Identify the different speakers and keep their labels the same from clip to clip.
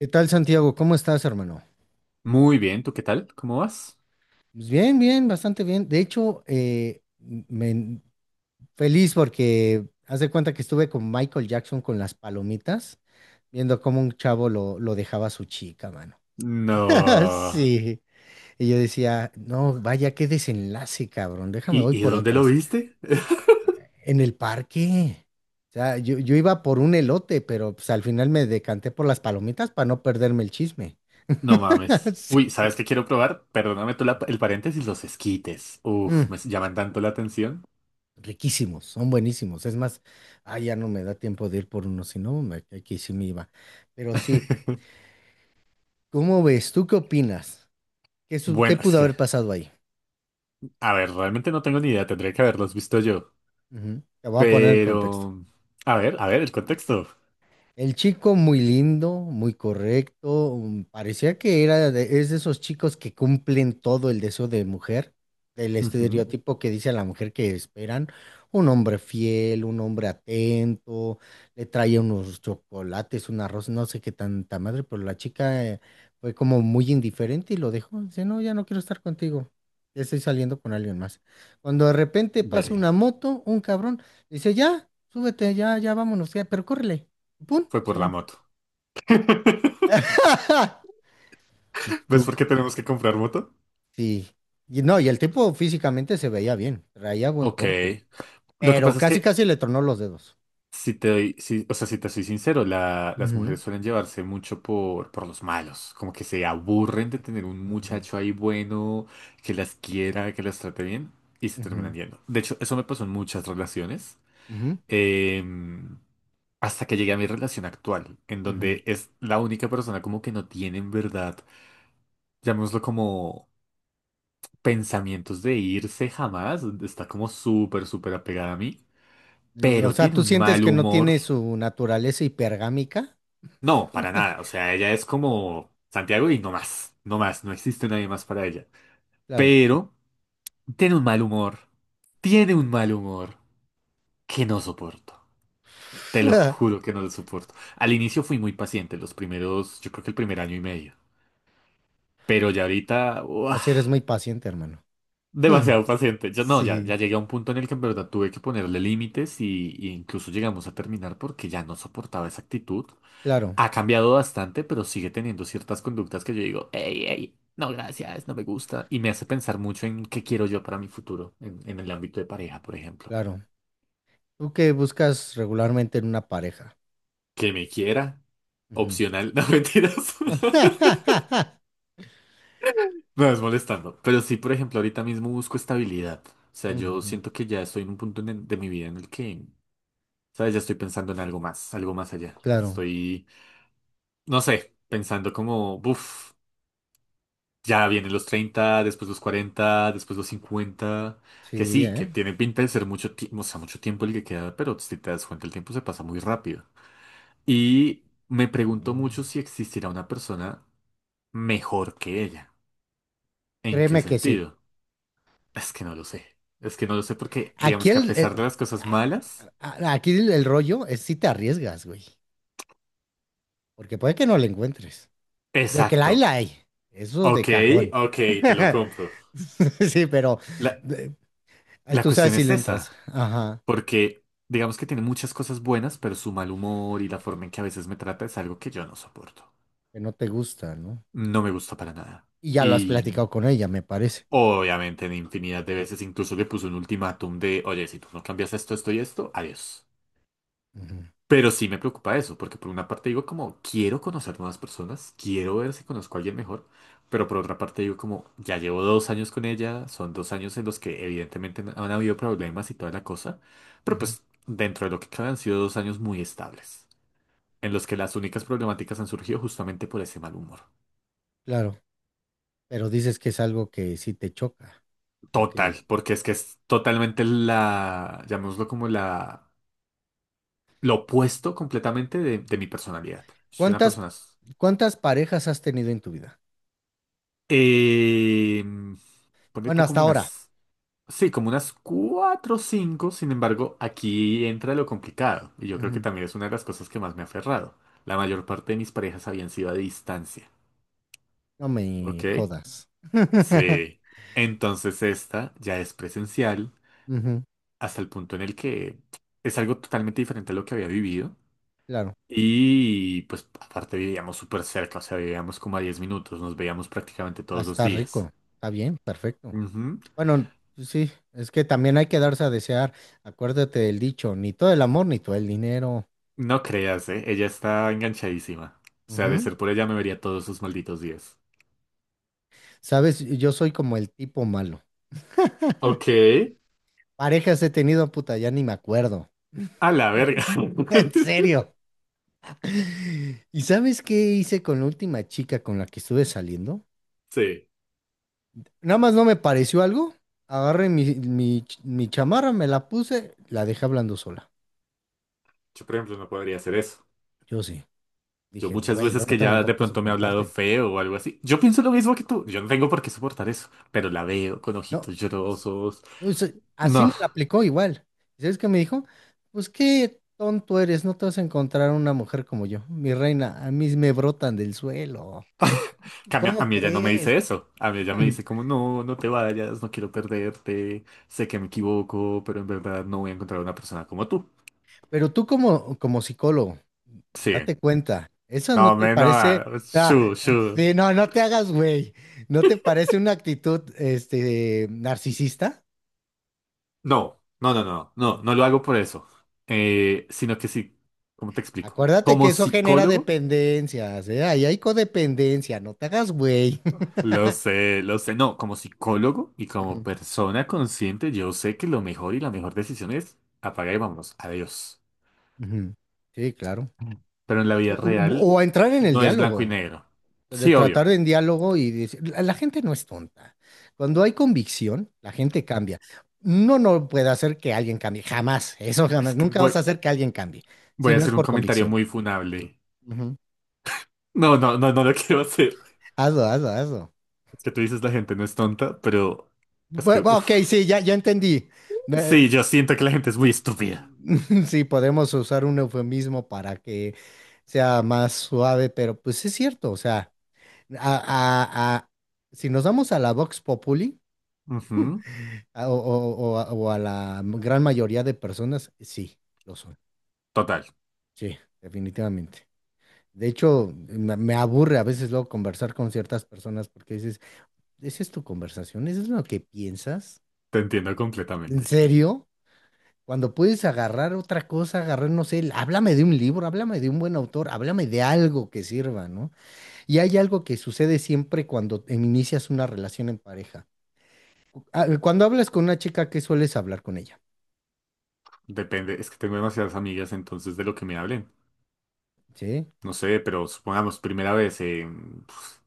Speaker 1: ¿Qué tal, Santiago? ¿Cómo estás, hermano?
Speaker 2: Muy bien, ¿tú qué tal? ¿Cómo vas?
Speaker 1: Pues bien, bien, bastante bien. De hecho, feliz porque haz de cuenta que estuve con Michael Jackson con las palomitas, viendo cómo un chavo lo dejaba a su chica, mano.
Speaker 2: No.
Speaker 1: Sí. Y yo decía, no, vaya, qué desenlace, cabrón. Déjame,
Speaker 2: ¿Y,
Speaker 1: voy
Speaker 2: y
Speaker 1: por
Speaker 2: dónde lo
Speaker 1: otras.
Speaker 2: viste?
Speaker 1: En el parque. O sea, yo iba por un elote, pero pues al final me decanté por las palomitas para no perderme el chisme.
Speaker 2: No mames. Uy, ¿sabes
Speaker 1: Sí.
Speaker 2: qué quiero probar? Perdóname tú el paréntesis, los esquites. Uf,
Speaker 1: Mm.
Speaker 2: me llaman tanto la atención.
Speaker 1: Riquísimos, son buenísimos. Es más, ya no me da tiempo de ir por uno, si no, aquí sí me iba. Pero sí, ¿cómo ves? ¿Tú qué opinas? ¿Qué, qué
Speaker 2: Bueno, es
Speaker 1: pudo
Speaker 2: que,
Speaker 1: haber pasado ahí?
Speaker 2: a ver, realmente no tengo ni idea, tendría que haberlos visto yo.
Speaker 1: Ujú. Te voy a poner en
Speaker 2: Pero,
Speaker 1: contexto.
Speaker 2: a ver, el contexto.
Speaker 1: El chico muy lindo, muy correcto, mm, parecía que era es de esos chicos que cumplen todo el deseo de mujer, el
Speaker 2: Ujú.
Speaker 1: estereotipo que dice a la mujer que esperan, un hombre fiel, un hombre atento, le traía unos chocolates, un arroz, no sé qué tanta madre, pero la chica fue como muy indiferente y lo dejó, dice, no, ya no quiero estar contigo, ya estoy saliendo con alguien más. Cuando de repente pasa
Speaker 2: Verga.
Speaker 1: una moto, un cabrón, dice, ya, súbete, ya, ya vámonos, ya, pero córrele. ¡Pum!
Speaker 2: Fue
Speaker 1: Se
Speaker 2: por la
Speaker 1: van.
Speaker 2: moto. ¿Ves
Speaker 1: Tú
Speaker 2: por qué
Speaker 1: cu-
Speaker 2: tenemos que comprar moto?
Speaker 1: sí. Y no, y el tipo físicamente se veía bien, traía buen
Speaker 2: Ok.
Speaker 1: porte,
Speaker 2: Lo que
Speaker 1: pero
Speaker 2: pasa es
Speaker 1: casi
Speaker 2: que,
Speaker 1: casi le tronó los dedos.
Speaker 2: Si te doy, si- o sea, si te soy sincero, las
Speaker 1: Ujú,
Speaker 2: mujeres suelen llevarse mucho por los malos, como que se aburren de tener un
Speaker 1: ujú,
Speaker 2: muchacho ahí bueno, que las quiera, que las trate bien, y se
Speaker 1: ujú,
Speaker 2: terminan yendo. De hecho, eso me pasó en muchas relaciones,
Speaker 1: ujú,
Speaker 2: em, hasta que llegué a mi relación actual, en
Speaker 1: ujú.
Speaker 2: donde es la única persona como que no tiene en verdad, llamémoslo como, pensamientos de irse jamás. Está como súper, súper apegada a mí,
Speaker 1: O
Speaker 2: pero
Speaker 1: sea,
Speaker 2: tiene
Speaker 1: ¿tú
Speaker 2: un
Speaker 1: sientes
Speaker 2: mal
Speaker 1: que no
Speaker 2: humor.
Speaker 1: tiene su naturaleza hipergámica?
Speaker 2: No, para nada. O sea, ella es como Santiago y no más. No más. No existe nadie más para ella.
Speaker 1: Claro.
Speaker 2: Pero tiene un mal humor. Tiene un mal humor que no soporto. Te lo juro que no lo soporto. Al inicio fui muy paciente, los primeros, yo creo que el primer año y medio. Pero ya ahorita, ¡buah!
Speaker 1: Así eres muy paciente, hermano.
Speaker 2: Demasiado paciente. Yo no, ya,
Speaker 1: Sí,
Speaker 2: ya llegué a un punto en el que en verdad tuve que ponerle límites y incluso llegamos a terminar porque ya no soportaba esa actitud.
Speaker 1: claro,
Speaker 2: Ha cambiado bastante, pero sigue teniendo ciertas conductas que yo digo, hey, hey, no, gracias, no me gusta. Y me hace pensar mucho en qué quiero yo para mi futuro, en el ámbito de pareja, por ejemplo.
Speaker 1: claro. ¿Tú qué buscas regularmente en una pareja?
Speaker 2: Que me quiera,
Speaker 1: Ujú.
Speaker 2: opcional. No, mentiras. No, es molestando. Pero sí, por ejemplo, ahorita mismo busco estabilidad. O sea, yo
Speaker 1: Ujú.
Speaker 2: siento que ya estoy en un punto de mi vida en el que, ¿sabes? Ya estoy pensando en algo más allá.
Speaker 1: Claro,
Speaker 2: Estoy, no sé, pensando como, uff, ya vienen los 30, después los 40, después los 50. Que
Speaker 1: sí,
Speaker 2: sí,
Speaker 1: ¿eh?
Speaker 2: que tiene pinta de ser mucho tiempo, o sea, mucho tiempo el que queda, pero si te das cuenta, el tiempo se pasa muy rápido. Y me pregunto
Speaker 1: Mm.
Speaker 2: mucho si existirá una persona mejor que ella. ¿En qué
Speaker 1: Créeme que sí.
Speaker 2: sentido? Es que no lo sé. Es que no lo sé porque,
Speaker 1: Aquí
Speaker 2: digamos, que a
Speaker 1: el,
Speaker 2: pesar
Speaker 1: el-
Speaker 2: de las cosas
Speaker 1: a-
Speaker 2: malas.
Speaker 1: aquí el rollo es si te arriesgas, güey. Porque puede que no la encuentres. De que la hay, la
Speaker 2: Exacto.
Speaker 1: hay. Eso de
Speaker 2: Ok,
Speaker 1: cajón.
Speaker 2: ok, te lo compro.
Speaker 1: Sí, pero
Speaker 2: La,
Speaker 1: de-
Speaker 2: la
Speaker 1: tú sabes
Speaker 2: cuestión
Speaker 1: si
Speaker 2: es
Speaker 1: le entras.
Speaker 2: esa.
Speaker 1: Ajá.
Speaker 2: Porque digamos que tiene muchas cosas buenas, pero su mal humor y la forma en que a veces me trata es algo que yo no soporto.
Speaker 1: Que no te gusta, ¿no?
Speaker 2: No me gusta para nada.
Speaker 1: Y ya lo has
Speaker 2: Y
Speaker 1: platicado con ella, me parece.
Speaker 2: obviamente en infinidad de veces incluso le puse un ultimátum de, oye, si tú no cambias esto, esto y esto, adiós.
Speaker 1: Ujú,
Speaker 2: Pero sí me preocupa eso, porque por una parte digo como, quiero conocer nuevas personas, quiero ver si conozco a alguien mejor, pero por otra parte digo como, ya llevo 2 años con ella, son 2 años en los que evidentemente han habido problemas y toda la cosa, pero
Speaker 1: ujú.
Speaker 2: pues dentro de lo que cabe han sido 2 años muy estables. En los que las únicas problemáticas han surgido justamente por ese mal humor.
Speaker 1: Claro. Pero dices que es algo que sí te choca. O sea
Speaker 2: Total,
Speaker 1: que-
Speaker 2: porque es que es totalmente la, llamémoslo como la, lo opuesto completamente de mi personalidad. Soy una
Speaker 1: ¿Cuántas,
Speaker 2: persona,
Speaker 1: cuántas parejas has tenido en tu vida?
Speaker 2: eh, ponle
Speaker 1: Bueno,
Speaker 2: tú
Speaker 1: hasta
Speaker 2: como
Speaker 1: ahora.
Speaker 2: unas, sí, como unas cuatro o cinco, sin embargo, aquí entra lo complicado, y yo creo que también es una de las cosas que más me ha aferrado. La mayor parte de mis parejas habían sido a distancia,
Speaker 1: No
Speaker 2: ¿ok?
Speaker 1: me jodas.
Speaker 2: Sí. Entonces esta ya es presencial.
Speaker 1: Ujú,
Speaker 2: Hasta el punto en el que es algo totalmente diferente a lo que había vivido.
Speaker 1: claro.
Speaker 2: Y pues aparte vivíamos súper cerca, o sea, vivíamos como a 10 minutos, nos veíamos prácticamente
Speaker 1: Ah,
Speaker 2: todos los
Speaker 1: está
Speaker 2: días.
Speaker 1: rico, está bien, perfecto.
Speaker 2: Ujú.
Speaker 1: Bueno, pues sí, es que también hay que darse a desear. Acuérdate del dicho, ni todo el amor, ni todo el dinero.
Speaker 2: No creas, ¿eh? Ella está enganchadísima. O sea, de
Speaker 1: Ujú.
Speaker 2: ser por ella me vería todos sus malditos días.
Speaker 1: Sabes, yo soy como el tipo malo.
Speaker 2: Ok.
Speaker 1: Parejas he tenido, puta, ya ni me acuerdo.
Speaker 2: A la verga.
Speaker 1: En serio. ¿Y sabes qué hice con la última chica con la que estuve saliendo?
Speaker 2: Sí,
Speaker 1: Nada más no me pareció algo. Agarré mi chamarra, me la puse, la dejé hablando sola.
Speaker 2: yo por ejemplo no podría hacer eso.
Speaker 1: Yo sí.
Speaker 2: Yo
Speaker 1: Dije,
Speaker 2: muchas
Speaker 1: güey,
Speaker 2: veces
Speaker 1: yo no
Speaker 2: que
Speaker 1: tengo
Speaker 2: ya de
Speaker 1: por qué
Speaker 2: pronto me ha hablado
Speaker 1: soportarte.
Speaker 2: feo o algo así, yo pienso lo mismo que tú. Yo no tengo por qué soportar eso, pero la veo con
Speaker 1: No,
Speaker 2: ojitos llorosos.
Speaker 1: pues, así
Speaker 2: No.
Speaker 1: me la aplicó igual. ¿Y ¿Sabes qué me dijo? Pues qué tonto eres, no te vas a encontrar una mujer como yo. Mi reina, a mí me brotan del suelo.
Speaker 2: Que a mí, a
Speaker 1: ¿Cómo
Speaker 2: mí ella no me dice
Speaker 1: crees?
Speaker 2: eso. A mí ella me dice como, no, no te vayas, no quiero perderte, sé que me equivoco, pero en verdad no voy a encontrar una persona como tú.
Speaker 1: Pero tú como, como psicólogo,
Speaker 2: Sí.
Speaker 1: date cuenta, ¿eso no
Speaker 2: No,
Speaker 1: te
Speaker 2: me,
Speaker 1: parece...
Speaker 2: no,
Speaker 1: Ah,
Speaker 2: shu, shu.
Speaker 1: sí, no, no te hagas, güey. ¿No te parece una actitud, este, narcisista?
Speaker 2: No, no, no, no, no, no lo hago por eso. Sino que sí, ¿cómo te explico?
Speaker 1: Acuérdate que
Speaker 2: Como
Speaker 1: eso genera
Speaker 2: psicólogo,
Speaker 1: dependencias, ¿eh? Ahí hay codependencia, no te hagas güey.
Speaker 2: lo sé, lo sé. No, como psicólogo y como
Speaker 1: Ujú.
Speaker 2: persona consciente, yo sé que lo mejor y la mejor decisión es apagar y vámonos. Adiós.
Speaker 1: Ujú. Sí, claro.
Speaker 2: Pero en la vida real
Speaker 1: O entrar en el
Speaker 2: no es
Speaker 1: diálogo,
Speaker 2: blanco y negro.
Speaker 1: de
Speaker 2: Sí, obvio.
Speaker 1: tratar en diálogo y decir, la gente no es tonta. Cuando hay convicción, la gente cambia. No, no puede hacer que alguien cambie, jamás, eso
Speaker 2: Es
Speaker 1: jamás.
Speaker 2: que
Speaker 1: Nunca
Speaker 2: voy,
Speaker 1: vas a hacer que alguien cambie, si
Speaker 2: voy a
Speaker 1: no es
Speaker 2: hacer un
Speaker 1: por
Speaker 2: comentario
Speaker 1: convicción.
Speaker 2: muy funable.
Speaker 1: Ujú.
Speaker 2: No, no, no, no lo quiero hacer.
Speaker 1: Hazlo, hazlo, hazlo.
Speaker 2: Es que tú dices la gente no es tonta, pero es que,
Speaker 1: Ok,
Speaker 2: uff.
Speaker 1: sí, ya, ya entendí. Eh,
Speaker 2: Sí, yo siento que la gente es muy estúpida.
Speaker 1: Sí, podemos usar un eufemismo para que sea más suave, pero pues es cierto, o sea, a- a- a- si nos damos a la Vox Populi
Speaker 2: Ujú.
Speaker 1: a- o a la gran mayoría de personas, sí, lo son,
Speaker 2: Total,
Speaker 1: sí, definitivamente. De hecho, me aburre a veces luego conversar con ciertas personas porque dices, ¿esa es tu conversación? ¿Eso es lo que piensas?
Speaker 2: te entiendo
Speaker 1: ¿En
Speaker 2: completamente.
Speaker 1: serio? Cuando puedes agarrar otra cosa, agarrar, no sé, háblame de un libro, háblame de un buen autor, háblame de algo que sirva, ¿no? Y hay algo que sucede siempre cuando inicias una relación en pareja. Ah, cuando hablas con una chica, ¿qué sueles hablar con ella?
Speaker 2: Depende, es que tengo demasiadas amigas, entonces de lo que me hablen.
Speaker 1: ¿Sí?
Speaker 2: No sé, pero supongamos, primera vez, pf,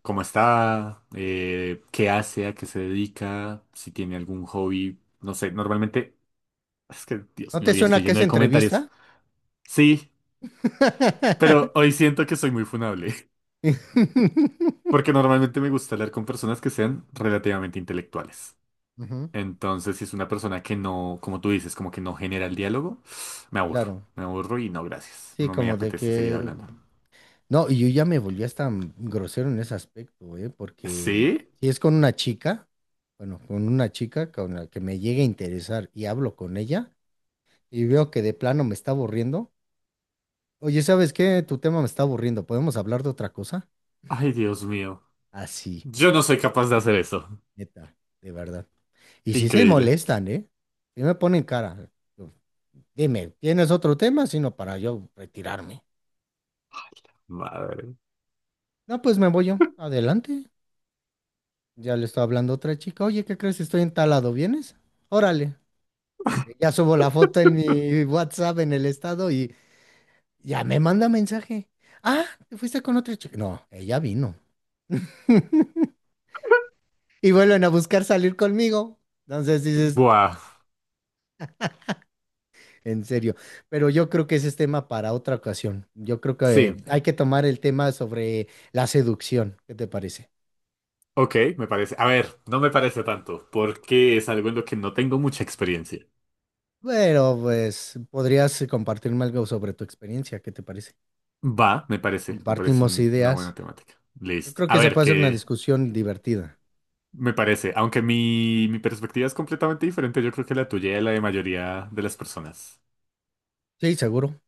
Speaker 2: ¿cómo está? ¿Qué hace? ¿A qué se dedica? Si tiene algún hobby. No sé, normalmente, es que, Dios
Speaker 1: ¿No
Speaker 2: mío,
Speaker 1: te
Speaker 2: hoy
Speaker 1: suena
Speaker 2: estoy
Speaker 1: que
Speaker 2: lleno
Speaker 1: es
Speaker 2: de comentarios.
Speaker 1: entrevista?
Speaker 2: Sí, pero hoy siento que soy muy funable, porque normalmente me gusta hablar con personas que sean relativamente intelectuales.
Speaker 1: Ujú.
Speaker 2: Entonces, si es una persona que no, como tú dices, como que no genera el diálogo, me aburro,
Speaker 1: Claro,
Speaker 2: me aburro y no, gracias.
Speaker 1: sí,
Speaker 2: No me
Speaker 1: como de
Speaker 2: apetece seguir
Speaker 1: que
Speaker 2: hablando.
Speaker 1: No, y yo ya me volví hasta grosero en ese aspecto, ¿eh? Porque
Speaker 2: ¿Sí?
Speaker 1: si es con una chica, bueno, con una chica con la que me llegue a interesar y hablo con ella y veo que de plano me está aburriendo, oye, ¿sabes qué? Tu tema me está aburriendo, ¿podemos hablar de otra cosa?
Speaker 2: Ay, Dios mío.
Speaker 1: Así,
Speaker 2: Yo no soy capaz de hacer eso.
Speaker 1: neta, de verdad. Y si se
Speaker 2: Increíble.
Speaker 1: molestan, ¿eh? Y me ponen cara. yo, Dime, ¿tienes otro tema? Sino para yo retirarme.
Speaker 2: Madre.
Speaker 1: No, pues me voy yo. Adelante. Ya le estoy hablando a otra chica. Oye, ¿qué crees? Estoy en tal lado, ¿vienes? Órale. Ya subo la foto en mi WhatsApp en el estado y ya me manda mensaje. Ah, te fuiste con otra chica. No, ella vino. Y vuelven a buscar salir conmigo. Entonces dices,
Speaker 2: Buah.
Speaker 1: en serio. Pero yo creo que ese es tema para otra ocasión. Yo creo que
Speaker 2: Sí.
Speaker 1: hay que tomar el tema sobre la seducción. ¿Qué te parece?
Speaker 2: Ok, me parece. A ver, no me parece tanto, porque es algo en lo que no tengo mucha experiencia.
Speaker 1: Bueno, pues podrías compartirme algo sobre tu experiencia. ¿Qué te parece?
Speaker 2: Va, me parece
Speaker 1: Compartimos
Speaker 2: una buena
Speaker 1: ideas.
Speaker 2: temática.
Speaker 1: Yo
Speaker 2: Listo.
Speaker 1: creo
Speaker 2: A
Speaker 1: que se
Speaker 2: ver,
Speaker 1: puede hacer una
Speaker 2: qué
Speaker 1: discusión divertida.
Speaker 2: me parece. Aunque mi perspectiva es completamente diferente, yo creo que la tuya y la de mayoría de las personas.
Speaker 1: Sí, seguro.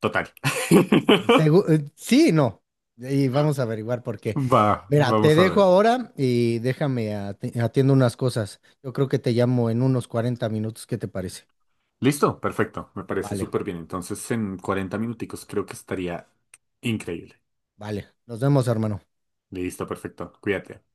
Speaker 2: Total.
Speaker 1: Sí, no. Y vamos a averiguar por qué.
Speaker 2: Va,
Speaker 1: Mira, te
Speaker 2: vamos a
Speaker 1: dejo
Speaker 2: ver.
Speaker 1: ahora y déjame atiendo unas cosas. Yo creo que te llamo en unos 40 minutos. ¿Qué te parece?
Speaker 2: Listo, perfecto, me parece
Speaker 1: Vale,
Speaker 2: súper bien. Entonces, en 40 minuticos creo que estaría increíble.
Speaker 1: vale. Nos vemos, hermano.
Speaker 2: Listo, perfecto. Cuídate.